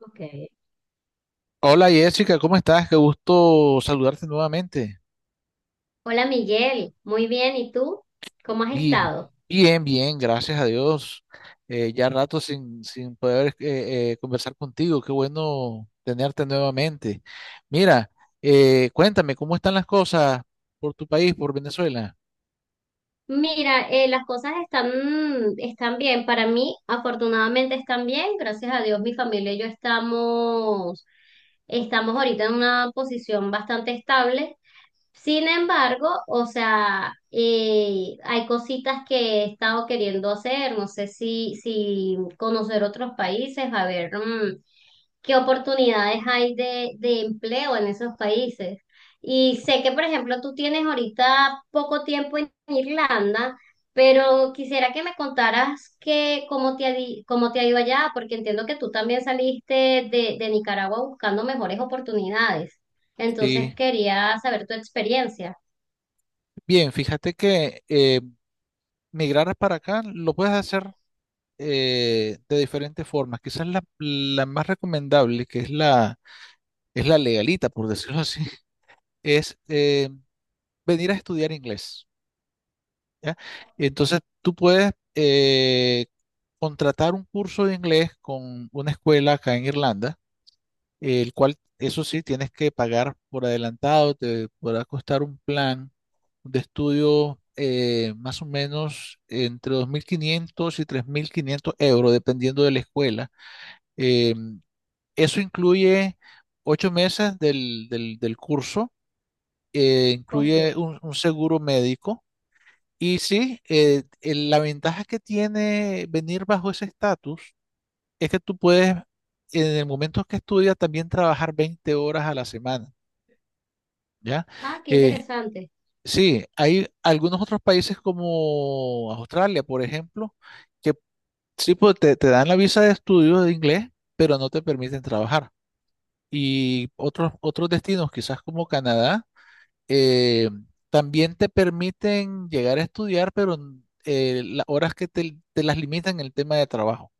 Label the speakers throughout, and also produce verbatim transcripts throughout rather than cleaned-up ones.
Speaker 1: Ok.
Speaker 2: Hola Jessica, ¿cómo estás? Qué gusto saludarte nuevamente.
Speaker 1: Hola Miguel, muy bien, ¿y tú? ¿Cómo has
Speaker 2: Bien,
Speaker 1: estado?
Speaker 2: bien, bien, gracias a Dios. Eh, ya rato sin, sin poder eh, eh, conversar contigo. Qué bueno tenerte nuevamente. Mira, eh, cuéntame, ¿cómo están las cosas por tu país, por Venezuela?
Speaker 1: Mira, eh, las cosas están, están bien. Para mí, afortunadamente están bien. Gracias a Dios, mi familia y yo estamos, estamos ahorita en una posición bastante estable. Sin embargo, o sea, eh, hay cositas que he estado queriendo hacer. No sé si, si conocer otros países, a ver, mm, qué oportunidades hay de, de empleo en esos países. Y sé que, por ejemplo, tú tienes ahorita poco tiempo en Irlanda, pero quisiera que me contaras que, cómo te ha, di- cómo te ha ido allá, porque entiendo que tú también saliste de, de Nicaragua buscando mejores oportunidades. Entonces
Speaker 2: Sí,
Speaker 1: quería saber tu experiencia.
Speaker 2: bien, fíjate que eh, migrar para acá lo puedes hacer eh, de diferentes formas. Quizás la, la más recomendable, que es la, es la legalita, por decirlo así, es... eh, venir a estudiar inglés. ¿Ya? Entonces tú puedes eh, contratar un curso de inglés con una escuela acá en Irlanda, el cual, eso sí, tienes que pagar por adelantado. Te podrá costar un plan de estudio eh, más o menos entre dos mil quinientos y tres mil quinientos euros, dependiendo de la escuela. Eh, Eso incluye ocho meses del, del- del curso. Eh, incluye
Speaker 1: Ok.
Speaker 2: un un seguro médico. Y sí, eh, el- la ventaja que tiene venir bajo ese estatus es que tú puedes, en el momento que estudias, también trabajar veinte horas a la semana. ¿Ya?
Speaker 1: Ah, qué
Speaker 2: Eh,
Speaker 1: interesante.
Speaker 2: sí, hay algunos otros países como Australia, por ejemplo, que sí pues, te, te dan la visa de estudio de inglés, pero no te permiten trabajar. Y otros, otros destinos, quizás como Canadá, eh, también te permiten llegar a estudiar, pero mm, eh, las horas que te, te las limitan en el tema de trabajo.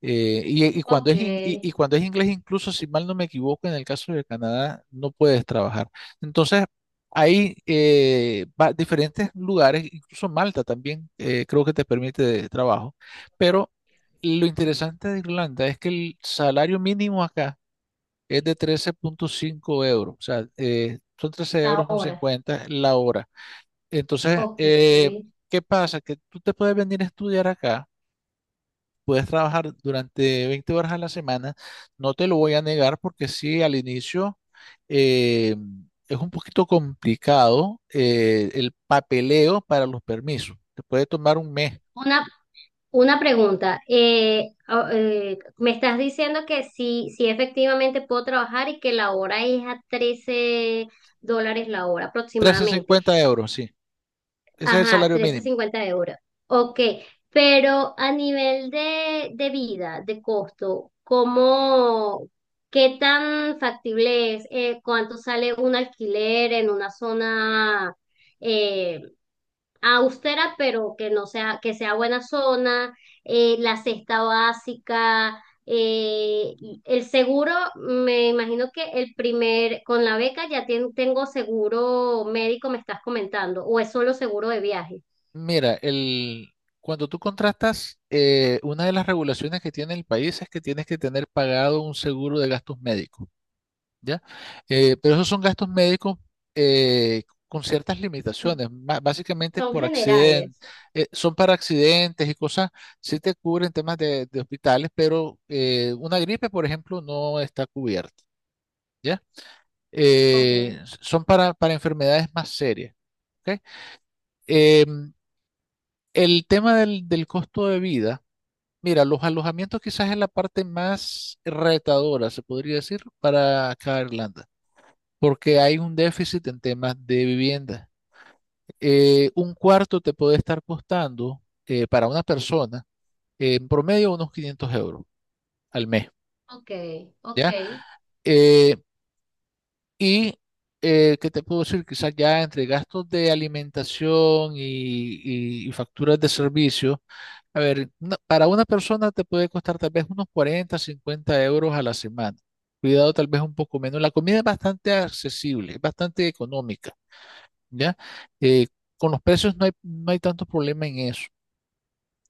Speaker 2: Eh, y, y cuando
Speaker 1: Ok.
Speaker 2: es in- y, y Cuando es inglés, incluso si mal no me equivoco, en el caso de Canadá no puedes trabajar. Entonces, hay eh, va- diferentes lugares. Incluso Malta también, eh, creo que te permite trabajo, pero lo interesante de Irlanda es que el salario mínimo acá es de trece punto cinco euros. O sea, eh, son trece
Speaker 1: La
Speaker 2: euros con
Speaker 1: hora.
Speaker 2: cincuenta la hora. Entonces,
Speaker 1: Ok.
Speaker 2: eh, ¿qué pasa? Que tú te puedes venir a estudiar acá, puedes trabajar durante veinte horas a la semana. No te lo voy a negar, porque sí, al inicio eh, es un poquito complicado. Eh, el papeleo para los permisos te puede tomar un mes.
Speaker 1: Una Una pregunta, eh, a- eh, me estás diciendo que sí, sí efectivamente puedo trabajar y que la hora es a trece dólares la hora
Speaker 2: Trece
Speaker 1: aproximadamente.
Speaker 2: cincuenta euros, sí, ese es el
Speaker 1: Ajá,
Speaker 2: salario mínimo.
Speaker 1: trece cincuenta euros. Ok, pero a nivel de, de vida, de costo, ¿cómo, qué tan factible es? Eh, ¿cuánto sale un alquiler en una zona? eh, Austera, pero que no sea, que sea buena zona. Eh, la cesta básica, eh, y el seguro, me imagino que el primer, con la beca ya tien- tengo seguro médico, me estás comentando, o es solo seguro de viaje.
Speaker 2: Mira, el, cuando tú contratas, eh, una de las regulaciones que tiene el país es que tienes que tener pagado un seguro de gastos médicos. ¿Ya? Eh, pero esos son gastos médicos, eh, con ciertas
Speaker 1: Sí.
Speaker 2: limitaciones, ba- básicamente
Speaker 1: Son
Speaker 2: por accidente.
Speaker 1: generales.
Speaker 2: Eh, son para accidentes y cosas. Sí te cubren temas de, de hospitales, pero eh, una gripe, por ejemplo, no está cubierta. ¿Ya?
Speaker 1: Ok,
Speaker 2: Eh, son para, para enfermedades más serias. ¿Ok? Em, El tema del, del costo de vida, mira, los alojamientos quizás es la parte más retadora, se podría decir, para acá Irlanda, porque hay un déficit en temas de vivienda. Eh, un cuarto te puede estar costando, eh, para una persona, eh, en promedio unos quinientos euros al mes.
Speaker 1: ok, ok,
Speaker 2: ¿Ya? Eh, Y, eh, ¿qué te puedo decir? Quizás ya entre gastos de alimentación y, y- y facturas de servicio, a ver, no- para una persona te puede costar tal vez unos cuarenta cincuenta euros a la semana. Cuidado, tal vez un poco menos. La comida es bastante accesible, es bastante económica. ¿Ya? Eh, con los precios no hay, no hay tanto problema en eso.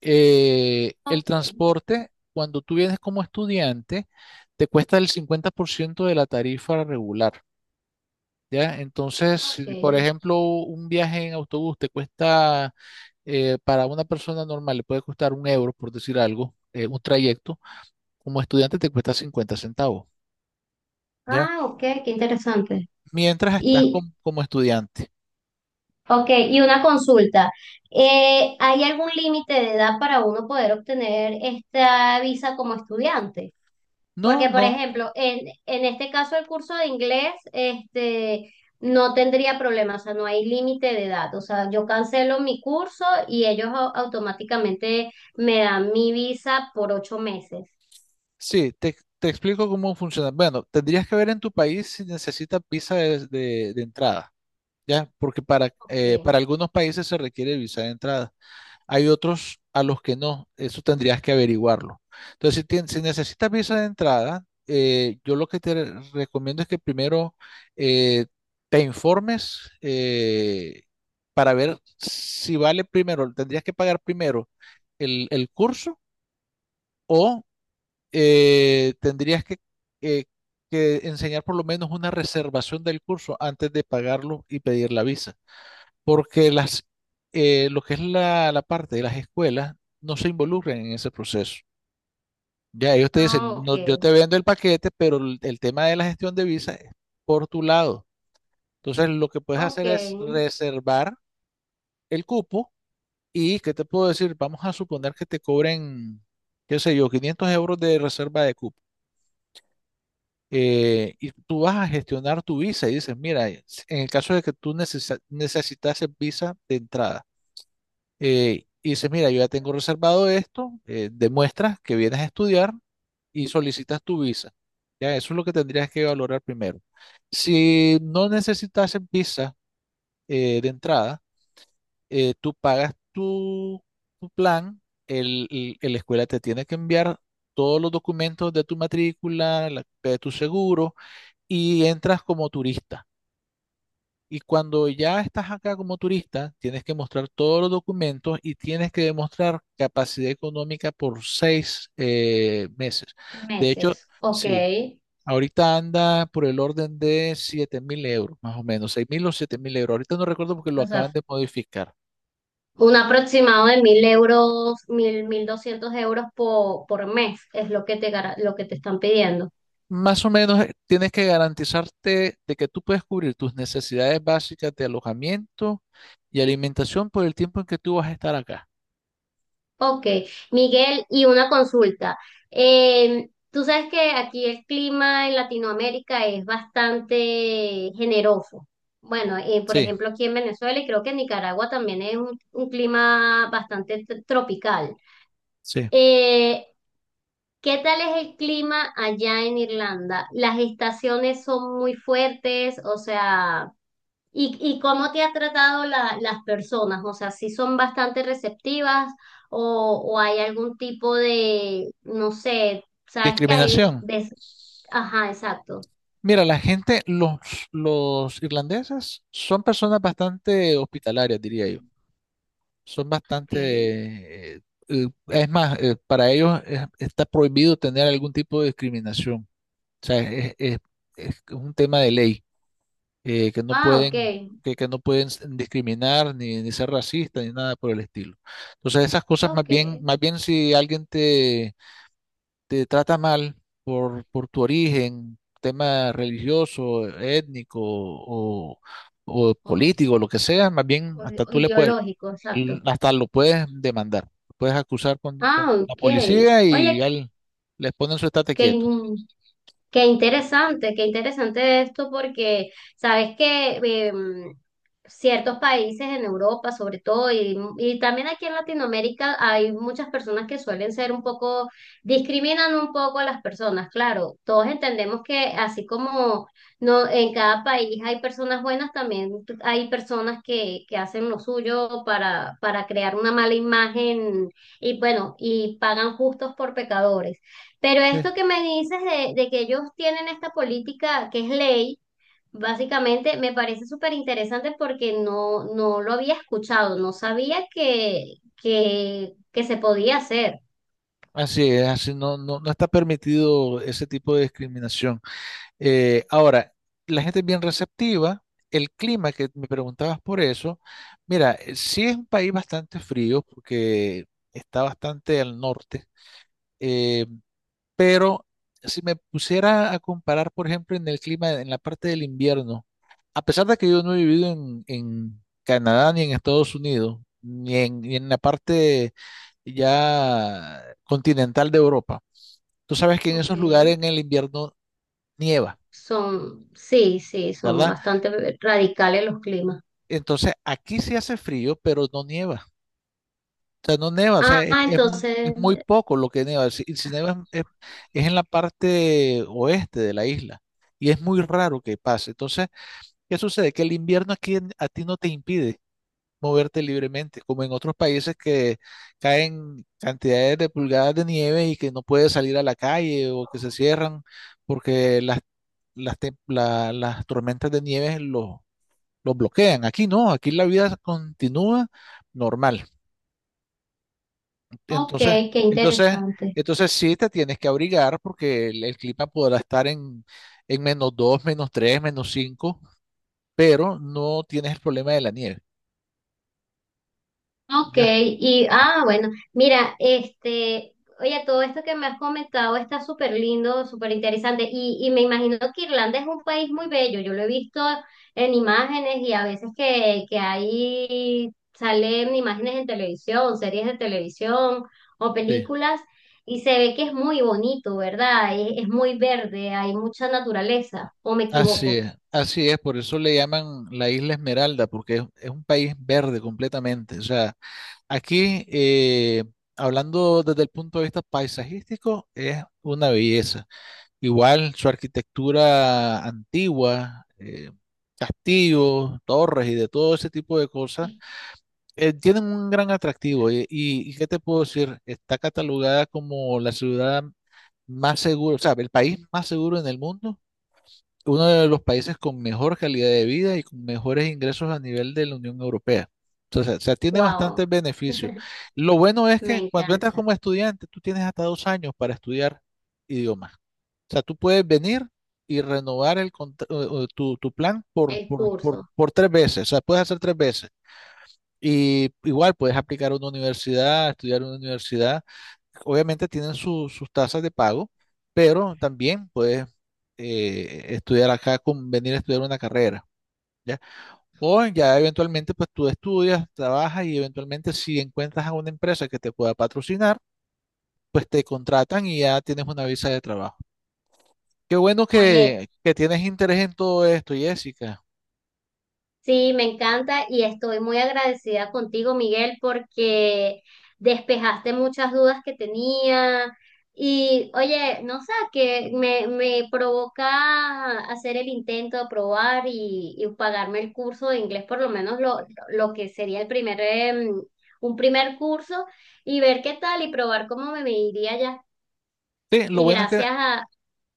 Speaker 2: Eh, el
Speaker 1: ok,
Speaker 2: transporte, cuando tú vienes como estudiante, te cuesta el cincuenta por ciento de la tarifa regular. ¿Ya? Entonces,
Speaker 1: ok.
Speaker 2: si, por ejemplo, un viaje en autobús te cuesta, eh, para una persona normal le puede costar un euro, por decir algo, eh, un trayecto, como estudiante te cuesta cincuenta centavos. ¿Ya?
Speaker 1: Ah, ok, qué interesante.
Speaker 2: Mientras estás com- como estudiante.
Speaker 1: Ok, y una consulta. Eh, ¿hay algún límite de edad para uno poder obtener esta visa como estudiante?
Speaker 2: No,
Speaker 1: Porque, por
Speaker 2: no,
Speaker 1: ejemplo, en, en este caso el curso de inglés, este, no tendría problema, o sea, no hay límite de edad. O sea, yo cancelo mi curso y ellos au- automáticamente me dan mi visa por ocho meses.
Speaker 2: sí, te, te explico cómo funciona. Bueno, tendrías que ver en tu país si necesitas visa de, de- de entrada. ¿Ya? Porque para, eh,
Speaker 1: Ok.
Speaker 2: para algunos países se requiere visa de entrada. Hay otros a los que no. Eso tendrías que averiguarlo. Entonces, si, tien- si necesitas visa de entrada, eh, yo lo que te re- recomiendo es que primero eh, te informes, eh, para ver si vale. Primero, tendrías que pagar primero el, el curso o eh, tendrías que, eh, que enseñar por lo menos una reservación del curso antes de pagarlo y pedir la visa, porque las, eh, lo que es la, la parte de las escuelas no se involucran en ese proceso. Ya ellos te
Speaker 1: Ah,
Speaker 2: dicen:
Speaker 1: ok.
Speaker 2: no, yo te vendo el paquete, pero el, el tema de la gestión de visa es por tu lado. Entonces, lo que puedes
Speaker 1: Ok.
Speaker 2: hacer es reservar el cupo. Y, ¿qué te puedo decir? Vamos a suponer que te cobren, qué sé yo, quinientos euros de reserva de cupo. Eh, y tú vas a gestionar tu visa y dices, mira, en el caso de que tú necesitas necesitases visa de entrada. Eh, y dices, mira, yo ya tengo reservado esto. Eh, demuestras que vienes a estudiar y solicitas tu visa. Ya, eso es lo que tendrías que valorar primero. Si no necesitas visa, eh, de entrada, eh, tú pagas tu, tu plan. El, el- el- la escuela te tiene que enviar todos los documentos de tu matrícula, la copia de tu seguro, y entras como turista. Y cuando ya estás acá como turista, tienes que mostrar todos los documentos y tienes que demostrar capacidad económica por seis eh, meses. De hecho,
Speaker 1: Meses. Ok.
Speaker 2: sí, ahorita anda por el orden de siete mil euros, más o menos, seis mil o siete mil euros. Ahorita no recuerdo porque lo
Speaker 1: O sea,
Speaker 2: acaban de modificar.
Speaker 1: un aproximado de mil euros, mil, mil doscientos euros por, por mes es lo que te, gara- lo que te están pidiendo.
Speaker 2: Más o menos, eh, tienes que garantizarte de que tú puedes cubrir tus necesidades básicas de alojamiento y alimentación por el tiempo en que tú vas a estar acá.
Speaker 1: Ok, Miguel, y una consulta. Eh, tú sabes que aquí el clima en Latinoamérica es bastante generoso. Bueno, eh, por
Speaker 2: Sí,
Speaker 1: ejemplo, aquí en Venezuela y creo que en Nicaragua también es un, un clima bastante t- tropical.
Speaker 2: sí.
Speaker 1: Eh, ¿Qué tal es el clima allá en Irlanda? ¿Las estaciones son muy fuertes? O sea. ¿Y, y cómo te ha tratado la- las personas? O sea, si son bastante receptivas o, o hay algún tipo de, no sé, sabes que hay,
Speaker 2: Discriminación.
Speaker 1: ves- ajá, exacto.
Speaker 2: Mira, la gente, los, los irlandeses son personas bastante hospitalarias, diría yo. Son
Speaker 1: Ok.
Speaker 2: bastante... eh, eh, es más, eh, para ellos es- está prohibido tener algún tipo de discriminación. O sea, es, es- es un tema de ley, eh, que no
Speaker 1: Ah, ok,
Speaker 2: pueden, que, que no pueden s- discriminar ni, ni ser racistas ni nada por el estilo. Entonces, esas cosas más
Speaker 1: ok.
Speaker 2: bien, más bien si alguien te trata mal por, por tu origen, tema religioso, étnico o, o
Speaker 1: Oh,
Speaker 2: político, lo que sea, más bien
Speaker 1: O-
Speaker 2: hasta
Speaker 1: o
Speaker 2: tú le puedes,
Speaker 1: ideológico, exacto.
Speaker 2: hasta lo puedes demandar, puedes acusar con, con
Speaker 1: Ah,
Speaker 2: la
Speaker 1: ok.
Speaker 2: policía y
Speaker 1: Oye,
Speaker 2: ya le- les ponen su estate
Speaker 1: que
Speaker 2: quieto.
Speaker 1: Qué interesante, qué interesante esto porque sabes que em, ciertos países en Europa, sobre todo, y, y también aquí en Latinoamérica, hay muchas personas que suelen ser un poco, discriminan un poco a las personas. Claro, todos entendemos que así como no, en cada país hay personas buenas, también hay personas que, que hacen lo suyo para, para crear una mala imagen y bueno, y pagan justos por pecadores. Pero
Speaker 2: Sí.
Speaker 1: esto que me dices de, de que ellos tienen esta política que es ley, básicamente me parece súper interesante porque no, no lo había escuchado, no sabía que, que, que se podía hacer.
Speaker 2: Así es. Así no, no, no está permitido ese tipo de discriminación. Eh, ahora, la gente es bien receptiva. El clima, que me preguntabas por eso, mira, eh, sí, es un país bastante frío porque está bastante al norte, eh, pero si me pusiera a comparar, por ejemplo, en el clima, en la parte del invierno, a pesar de que yo no he vivido en, en Canadá ni en Estados Unidos, ni en, ni en la parte ya continental de Europa, tú sabes que en
Speaker 1: Ok.
Speaker 2: esos lugares en el invierno nieva,
Speaker 1: Son, sí, sí, son
Speaker 2: ¿verdad?
Speaker 1: bastante radicales los climas.
Speaker 2: Entonces, aquí sí hace frío, pero no nieva. O sea, no nieva. O sea,
Speaker 1: Ah,
Speaker 2: es, es mu-
Speaker 1: entonces,
Speaker 2: es muy poco lo que nieva. Si, si nieva, es, es- es en la parte oeste de la isla, y es muy raro que pase. Entonces, ¿qué sucede? Que el invierno aquí, en- a ti no te impide moverte libremente, como en otros países que caen cantidades de pulgadas de nieve y que no puedes salir a la calle, o que se cierran porque las, las, tem- la- las tormentas de nieve los los bloquean. Aquí no, aquí la vida continúa normal.
Speaker 1: ok,
Speaker 2: Entonces,
Speaker 1: qué
Speaker 2: entonces,
Speaker 1: interesante.
Speaker 2: entonces sí te tienes que abrigar porque el, el clima podrá estar en, en menos dos, menos tres, menos cinco, pero no tienes el problema de la nieve.
Speaker 1: Ok,
Speaker 2: Ya,
Speaker 1: y ah, bueno, mira, este, oye, todo esto que me has comentado está súper lindo, súper interesante, y, y me imagino que Irlanda es un país muy bello, yo lo he visto en imágenes y a veces que, que ahí salen imágenes en televisión, series de televisión o
Speaker 2: sí.
Speaker 1: películas, y se ve que es muy bonito, ¿verdad? Es, es muy verde, hay mucha naturaleza, ¿o me
Speaker 2: Así
Speaker 1: equivoco?
Speaker 2: es, así es. Por eso le llaman la Isla Esmeralda, porque es, es un país verde completamente. O sea, aquí, eh, hablando desde el punto de vista paisajístico, es una belleza. Igual su arquitectura antigua, eh, castillos, torres y de todo ese tipo de cosas, eh, tienen un gran atractivo. Y, y, y ¿qué te puedo decir? Está catalogada como la ciudad más segura, o sea, el país más seguro en el mundo, uno de los países con mejor calidad de vida y con mejores ingresos a nivel de la Unión Europea. Entonces, o sea, tiene bastantes
Speaker 1: Wow,
Speaker 2: beneficios. Lo bueno es
Speaker 1: me
Speaker 2: que cuando entras
Speaker 1: encanta
Speaker 2: como estudiante, tú tienes hasta dos años para estudiar idiomas. O sea, tú puedes venir y renovar el contra- o- o tu, tu plan por,
Speaker 1: el
Speaker 2: por, por,
Speaker 1: curso.
Speaker 2: por tres veces. O sea, puedes hacer tres veces. Y igual puedes aplicar a una universidad, estudiar en una universidad. Obviamente tienen su- sus tasas de pago, pero también puedes eh, estudiar acá, con, venir a estudiar una carrera. ¿Ya? O ya eventualmente, pues tú estudias, trabajas y eventualmente, si encuentras a una empresa que te pueda patrocinar, pues te contratan y ya tienes una visa de trabajo. Qué bueno
Speaker 1: Oye,
Speaker 2: que, que tienes interés en todo esto, Jessica.
Speaker 1: sí, me encanta y estoy muy agradecida contigo, Miguel, porque despejaste muchas dudas que tenía. Y oye, no sé, que me, me provoca hacer el intento de probar y, y pagarme el curso de inglés, por lo menos lo, lo que sería el primer, em, un primer curso, y ver qué tal y probar cómo me, me iría ya.
Speaker 2: Sí, lo
Speaker 1: Y
Speaker 2: bueno es que,
Speaker 1: gracias a,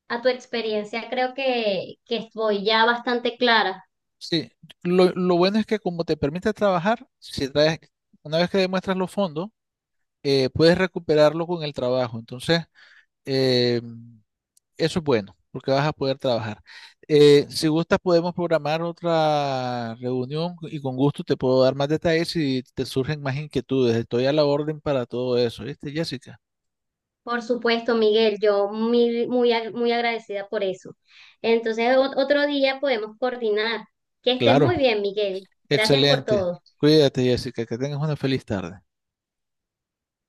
Speaker 1: a tu experiencia, creo que, que estoy ya bastante clara.
Speaker 2: sí, lo, lo bueno es que como te permite trabajar, si traes, una vez que demuestras los fondos, eh, puedes recuperarlo con el trabajo. Entonces, eh, eso es bueno, porque vas a poder trabajar. Eh, si gustas, podemos programar otra reunión y con gusto te puedo dar más detalles si te surgen más inquietudes. Estoy a la orden para todo eso, ¿viste, Jessica?
Speaker 1: Por supuesto, Miguel, yo muy, muy, ag- muy agradecida por eso. Entonces, o- otro día podemos coordinar. Que estés
Speaker 2: Claro,
Speaker 1: muy bien, Miguel. Gracias por
Speaker 2: excelente.
Speaker 1: todo.
Speaker 2: Cuídate, Jessica, que tengas una feliz tarde.